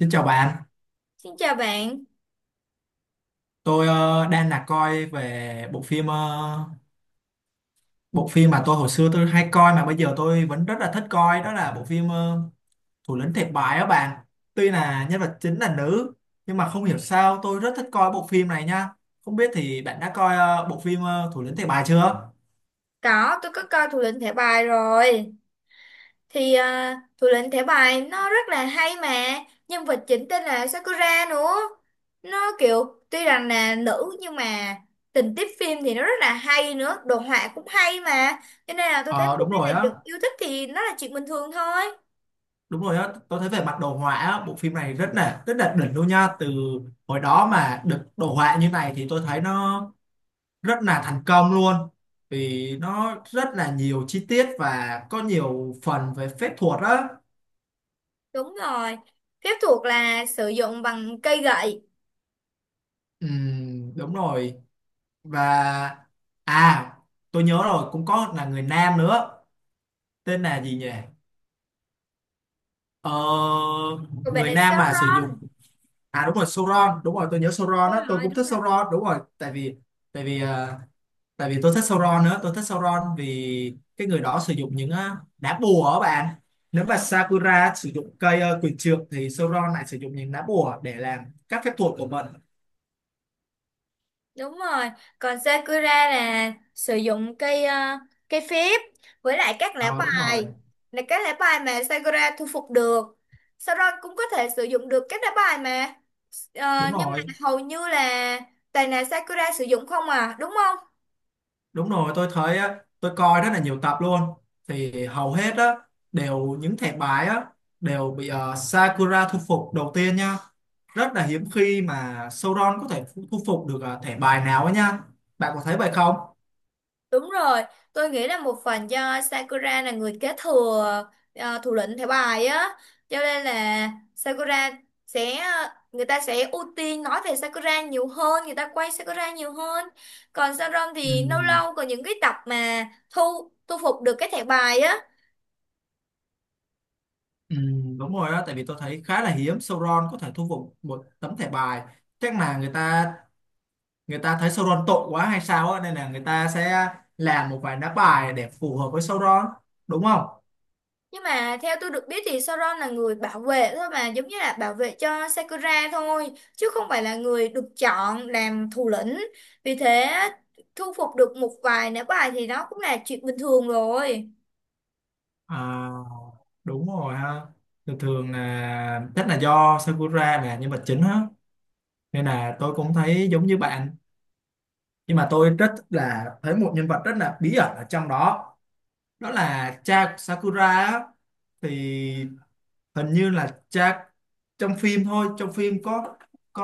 Xin chào bạn, Xin chào bạn. tôi đang là coi về bộ phim bộ phim mà tôi hồi xưa hay coi mà bây giờ tôi vẫn rất là thích coi, đó là bộ phim Thủ lĩnh thiệt bài á bạn. Tuy là nhân vật chính là nữ nhưng mà không hiểu sao tôi rất thích coi bộ phim này nha. Không biết thì bạn đã coi bộ phim Thủ lĩnh thiệt bài chưa? Có, tôi có coi Thủ lĩnh thẻ bài rồi. Thủ lĩnh thẻ bài nó rất là hay mà. Nhân vật chính tên là Sakura nữa. Nó kiểu tuy rằng là nữ nhưng mà tình tiết phim thì nó rất là hay nữa. Đồ họa cũng hay mà. Cho nên là tôi thấy Ờ bộ phim này được yêu thích thì nó là chuyện bình thường thôi. đúng rồi á, tôi thấy về mặt đồ họa á, bộ phim này rất là đỉnh luôn nha. Từ hồi đó mà được đồ họa như này thì tôi thấy nó rất là thành công luôn vì nó rất là nhiều chi tiết và có nhiều phần về phép thuật á. Đúng rồi. Phép thuật là sử dụng bằng cây gậy. Đúng rồi. Và à, tôi nhớ rồi, cũng có là người nam nữa, tên là gì nhỉ, ờ, Còn bạn người là nam mà sử dụng, Sauron. à đúng rồi, Sauron, đúng rồi, tôi nhớ Sauron Đúng á, tôi rồi, cũng đúng thích rồi. Sauron, đúng rồi. Tại vì tại vì ờ, tại vì tôi thích Sauron nữa, tôi thích Sauron vì cái người đó sử dụng những đá bùa ở bạn. Nếu mà Sakura sử dụng cây quyền trượng thì Sauron lại sử dụng những đá bùa để làm các phép thuật của mình. Đúng rồi, còn Sakura là sử dụng cây phép với lại các lá Ờ đúng rồi, bài, là các lá bài mà Sakura thu phục được. Sau đó cũng có thể sử dụng được các lá bài mà. Đúng Nhưng mà rồi, hầu như là toàn là Sakura sử dụng không à, đúng không? đúng rồi, tôi thấy á, tôi coi rất là nhiều tập luôn, thì hầu hết á, đều những thẻ bài á đều bị Sakura thu phục đầu tiên nha. Rất là hiếm khi mà Sauron có thể thu thu phục được thẻ bài nào ấy nha, bạn có thấy vậy không? Đúng rồi, tôi nghĩ là một phần do Sakura là người kế thừa thủ lĩnh thẻ bài á, cho nên là Sakura sẽ, người ta sẽ ưu tiên nói về Sakura nhiều hơn, người ta quay Sakura nhiều hơn. Còn Sharon Ừ. thì lâu lâu có những cái tập mà thu thu phục được cái thẻ bài á. Ừ, đúng rồi đó, tại vì tôi thấy khá là hiếm Sauron có thể thu phục một tấm thẻ bài. Chắc là người ta thấy Sauron tội quá hay sao á, nên là người ta sẽ làm một vài đá bài để phù hợp với Sauron, đúng không? Nhưng mà theo tôi được biết thì Sauron là người bảo vệ thôi, mà giống như là bảo vệ cho Sakura thôi chứ không phải là người được chọn làm thủ lĩnh. Vì thế thu phục được một vài nữ bài thì nó cũng là chuyện bình thường rồi. À, đúng rồi ha, thường thường là chắc là do Sakura là nhân vật chính á, nên là tôi cũng thấy giống như bạn. Nhưng mà tôi rất là thấy một nhân vật rất là bí ẩn ở trong đó, đó là cha của Sakura á. Thì hình như là cha, trong phim thôi, trong phim có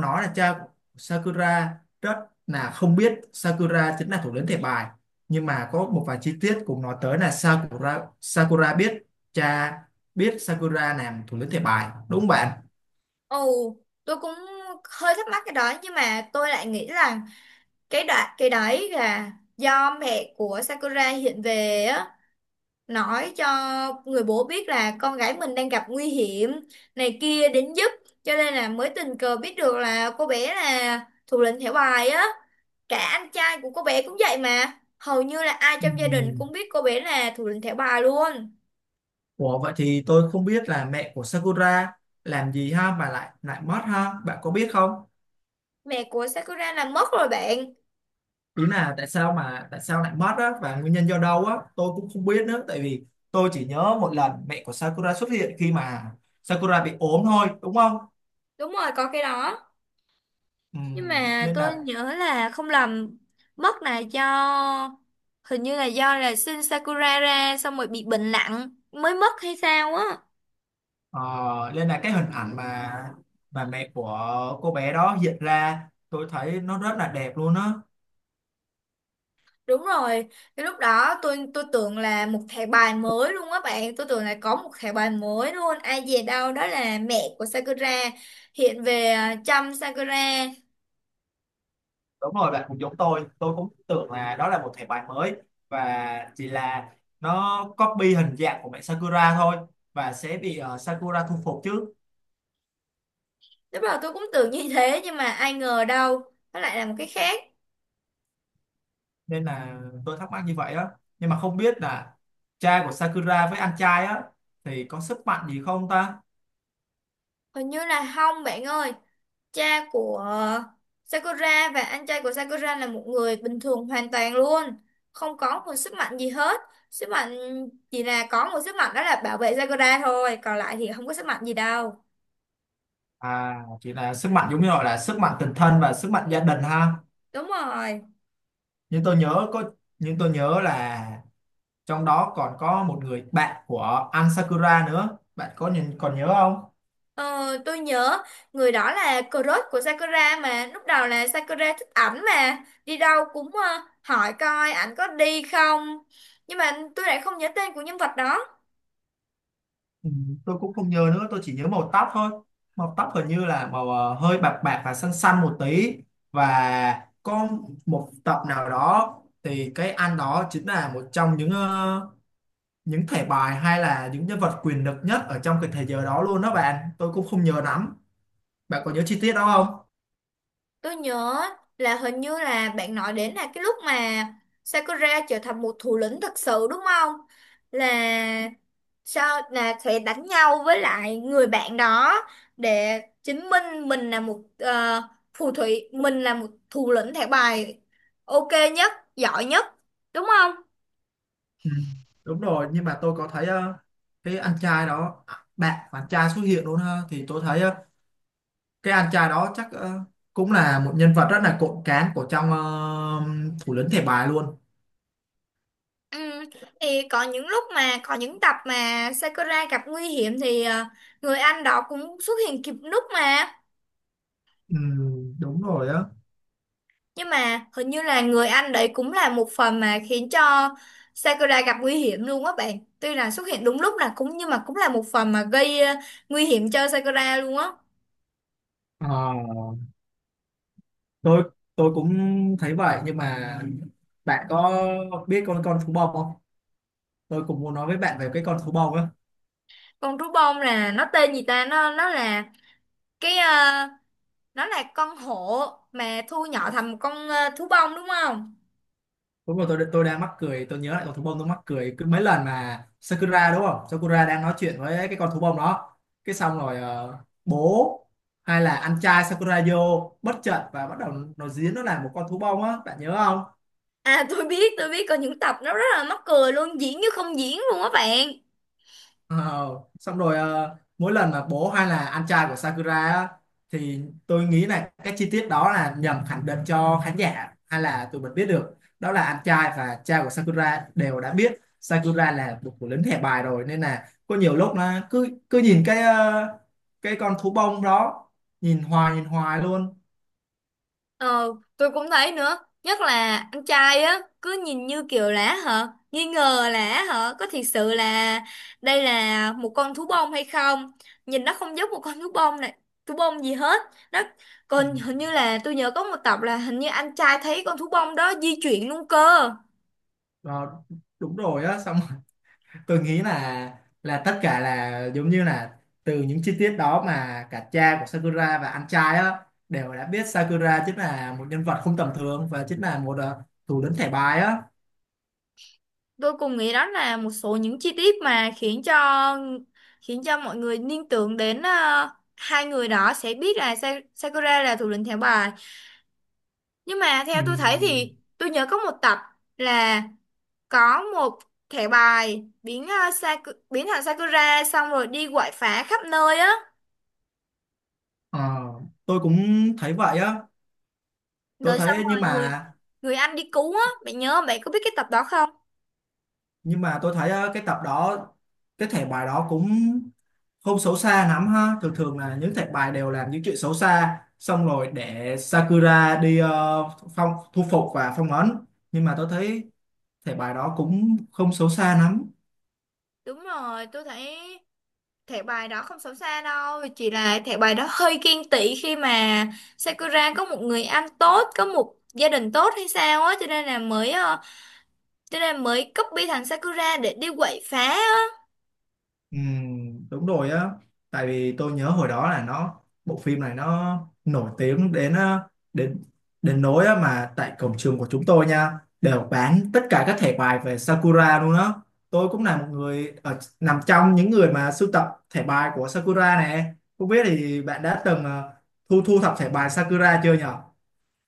nói là cha của Sakura rất là không biết Sakura chính là thủ lĩnh thẻ bài. Nhưng mà có một vài chi tiết cũng nói tới là Sakura Sakura biết, cha biết Sakura làm thủ lĩnh thẻ bài, đúng không bạn? Ồ, tôi cũng hơi thắc mắc cái đó nhưng mà tôi lại nghĩ là cái đấy là do mẹ của Sakura hiện về á, nói cho người bố biết là con gái mình đang gặp nguy hiểm này kia đến giúp, cho nên là mới tình cờ biết được là cô bé là thủ lĩnh thẻ bài á, cả anh trai của cô bé cũng vậy mà hầu như là ai trong gia đình Ừm. cũng biết cô bé là thủ lĩnh thẻ bài luôn. Ủa vậy thì tôi không biết là mẹ của Sakura làm gì ha mà lại lại mất ha, bạn có biết không? Mẹ của Sakura là mất rồi bạn. Đúng là tại sao mà tại sao lại mất á, và nguyên nhân do đâu á, tôi cũng không biết nữa. Tại vì tôi chỉ nhớ một lần mẹ của Sakura xuất hiện khi mà Sakura bị ốm thôi đúng không? Đúng rồi có cái đó. Nhưng mà Nên tôi là nhớ là không lầm, mất là do hình như là do là Shin Sakura ra xong rồi bị bệnh nặng mới mất hay sao á. ờ, nên là cái hình ảnh mà mẹ của cô bé đó hiện ra, tôi thấy nó rất là đẹp luôn á. Đúng rồi, cái lúc đó tôi tưởng là một thẻ bài mới luôn á bạn, tôi tưởng là có một thẻ bài mới luôn, ai dè đâu đó là mẹ của Sakura hiện về à, chăm Sakura. Đúng rồi, bạn cũng giống tôi cũng tưởng là đó là một thẻ bài mới và chỉ là nó copy hình dạng của mẹ Sakura thôi, và sẽ bị Sakura thu phục chứ. Lúc đầu tôi cũng tưởng như thế nhưng mà ai ngờ đâu, nó lại là một cái khác. Nên là tôi thắc mắc như vậy á, nhưng mà không biết là cha của Sakura với anh trai á thì có sức mạnh gì không ta? Hình như là không bạn ơi, cha của à, Sakura và anh trai của Sakura là một người bình thường hoàn toàn luôn, không có một sức mạnh gì hết. Sức mạnh chỉ là có một sức mạnh, đó là bảo vệ Sakura thôi, còn lại thì không có sức mạnh gì đâu. À, chỉ là sức mạnh giống như gọi là sức mạnh tình thân và sức mạnh gia đình ha. Đúng rồi. Nhưng tôi nhớ có, nhưng tôi nhớ là trong đó còn có một người bạn của anh Sakura nữa, bạn có nhìn còn nhớ không? Ờ, tôi nhớ người đó là crush của Sakura mà. Lúc đầu là Sakura thích ảnh mà. Đi đâu cũng hỏi coi ảnh có đi không. Nhưng mà tôi lại không nhớ tên của nhân vật đó. Ừ, tôi cũng không nhớ nữa, tôi chỉ nhớ màu tóc thôi, màu tóc hình như là màu hơi bạc bạc và xanh xanh một tí. Và có một tập nào đó thì cái anh đó chính là một trong những những thẻ bài hay là những nhân vật quyền lực nhất ở trong cái thế giới đó luôn đó bạn, tôi cũng không nhớ lắm, bạn có nhớ chi tiết đó không? Tôi nhớ là hình như là bạn nói đến là cái lúc mà Sakura trở thành một thủ lĩnh thật sự đúng không? Là sao là sẽ đánh nhau với lại người bạn đó để chứng minh mình là một phù thủy, mình là một thủ lĩnh thẻ bài ok nhất, giỏi nhất, đúng không? Ừ, đúng rồi, nhưng mà tôi có thấy cái anh trai đó à, bạn bạn trai xuất hiện luôn ha, thì tôi thấy cái anh trai đó chắc cũng là một nhân vật rất là cộm cán của trong thủ lĩnh thẻ bài luôn. Ừ. Thì có những lúc mà có những tập mà Sakura gặp nguy hiểm thì người anh đó cũng xuất hiện kịp lúc mà. Ừ, đúng rồi á. Nhưng mà hình như là người anh đấy cũng là một phần mà khiến cho Sakura gặp nguy hiểm luôn á bạn. Tuy là xuất hiện đúng lúc là cũng nhưng mà cũng là một phần mà gây nguy hiểm cho Sakura luôn á. Ờ, tôi tôi cũng thấy vậy, nhưng mà bạn có biết con thú bông không? Tôi cũng muốn nói với bạn về cái con thú bông á. Con thú bông là nó tên gì ta? Nó là cái ờ, nó là con hổ mà thu nhỏ thành một con thú bông đúng không? Đúng rồi, tôi đang mắc cười, tôi nhớ lại con thú bông tôi mắc cười, cứ mấy lần mà Sakura đúng không? Sakura đang nói chuyện với cái con thú bông đó. Cái xong rồi bố hay là anh trai Sakura vô bất chợt và bắt đầu nó diễn nó là một con thú bông á, bạn nhớ không? À tôi biết có những tập nó rất là mắc cười luôn, diễn như không diễn luôn á bạn. Ờ, xong rồi mỗi lần mà bố hay là anh trai của Sakura á, thì tôi nghĩ là cái chi tiết đó là nhằm khẳng định cho khán giả hay là tụi mình biết được đó là anh trai và cha của Sakura đều đã biết Sakura là một của lính thẻ bài rồi. Nên là có nhiều lúc nó cứ cứ nhìn cái cái con thú bông đó, nhìn hoài luôn. Ờ, tôi cũng thấy nữa. Nhất là anh trai á, cứ nhìn như kiểu là hả, nghi ngờ là hả, có thiệt sự là đây là một con thú bông hay không? Nhìn nó không giống một con thú bông này, thú bông gì hết. Nó Ừ. còn hình như là tôi nhớ có một tập là hình như anh trai thấy con thú bông đó di chuyển luôn cơ. Ờ, đúng rồi á. Xong tôi nghĩ là tất cả là giống như là từ những chi tiết đó mà cả cha của Sakura và anh trai á đều đã biết Sakura chính là một nhân vật không tầm thường và chính là một thủ lĩnh thẻ bài á. Tôi cùng nghĩ đó là một số những chi tiết mà khiến cho mọi người liên tưởng đến hai người đó sẽ biết là Sakura là thủ lĩnh thẻ bài. Nhưng mà theo tôi thấy Ừm, thì tôi nhớ có một tập là có một thẻ bài biến thành Sakura xong rồi đi quậy phá khắp nơi á, ờ, tôi cũng thấy vậy á. Tôi rồi xong thấy nhưng rồi người mà, người anh đi cứu á, bạn nhớ không? Bạn có biết cái tập đó không? nhưng mà tôi thấy cái tập đó, cái thẻ bài đó cũng không xấu xa lắm ha. Thường thường là những thẻ bài đều làm những chuyện xấu xa xong rồi để Sakura đi phong thu phục và phong ấn, nhưng mà tôi thấy thể bài đó cũng không xấu xa lắm. Đúng rồi, tôi thấy thẻ bài đó không xấu xa đâu, chỉ là thẻ bài đó hơi ghen tị khi mà Sakura có một người anh tốt, có một gia đình tốt hay sao á, cho nên là cho nên là mới copy thằng Sakura để đi quậy phá ờ, Đúng rồi á, tại vì tôi nhớ hồi đó là nó bộ phim này nó nổi tiếng đến đến đến nỗi á mà tại cổng trường của chúng tôi nha đều bán tất cả các thẻ bài về Sakura luôn đó. Tôi cũng là một người ở, nằm trong những người mà sưu tập thẻ bài của Sakura này. Không biết thì bạn đã từng thu thu thập thẻ bài Sakura chưa nhỉ?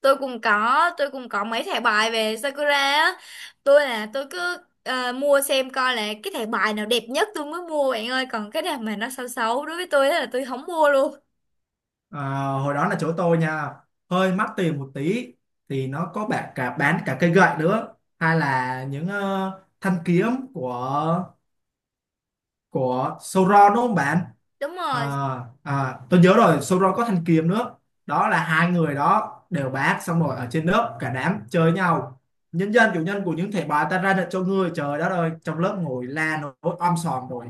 tôi cũng có mấy thẻ bài về Sakura á. Tôi là tôi cứ mua xem coi là cái thẻ bài nào đẹp nhất tôi mới mua bạn ơi, còn cái nào mà nó xấu xấu đối với tôi á là tôi không mua luôn. À, hồi đó là chỗ tôi nha, hơi mắc tiền một tí, thì nó có bạn cả bán cả cây gậy nữa hay là những thanh kiếm của của Sauron đúng không bạn? Đúng À, rồi, à, tôi nhớ rồi, Sauron có thanh kiếm nữa, đó là hai người đó đều bán. Xong rồi ở trên lớp cả đám chơi nhau, nhân dân chủ nhân của những thẻ bài ta ra lệnh cho ngươi, trời đất ơi, trong lớp ngồi la nổi om sòm rồi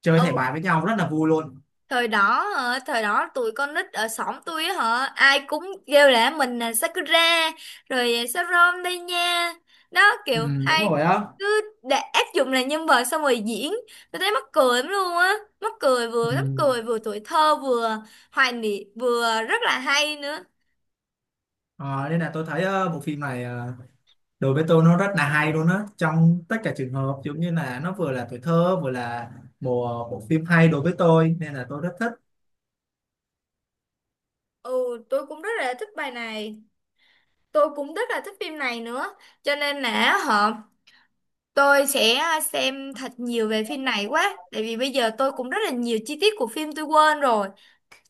chơi thẻ bài với nhau rất là vui luôn. thời đó hả, thời đó tụi con nít ở xóm tôi á hả ai cũng kêu là mình là Sakura, rồi Sarom đây nha. Đó Ừ, kiểu đúng ai rồi á. cứ để áp dụng là nhân vật xong rồi diễn, tôi thấy mắc cười lắm luôn á. mắc cười vừa Ừ. mắc cười vừa tuổi thơ vừa hoài niệm vừa rất là hay nữa. Ờ, nên là tôi thấy bộ phim này đối với tôi nó rất là hay luôn á, trong tất cả trường hợp giống như là nó vừa là tuổi thơ vừa là một bộ phim hay đối với tôi, nên là tôi rất thích. Ừ, tôi cũng rất là thích bài này, tôi cũng rất là thích phim này nữa, cho nên là họ. Tôi sẽ xem thật nhiều về phim này quá, tại vì bây giờ tôi cũng rất là nhiều chi tiết của phim tôi quên rồi.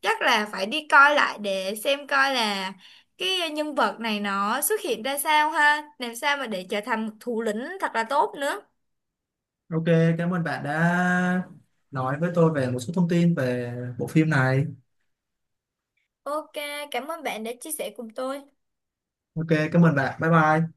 Chắc là phải đi coi lại để xem coi là cái nhân vật này nó xuất hiện ra sao ha, làm sao mà để trở thành một thủ lĩnh thật là tốt nữa. Ok, cảm ơn bạn đã nói với tôi về một số thông tin về bộ phim này. Ok, cảm ơn bạn đã chia sẻ cùng tôi. Ok, cảm ơn bạn, bye bye.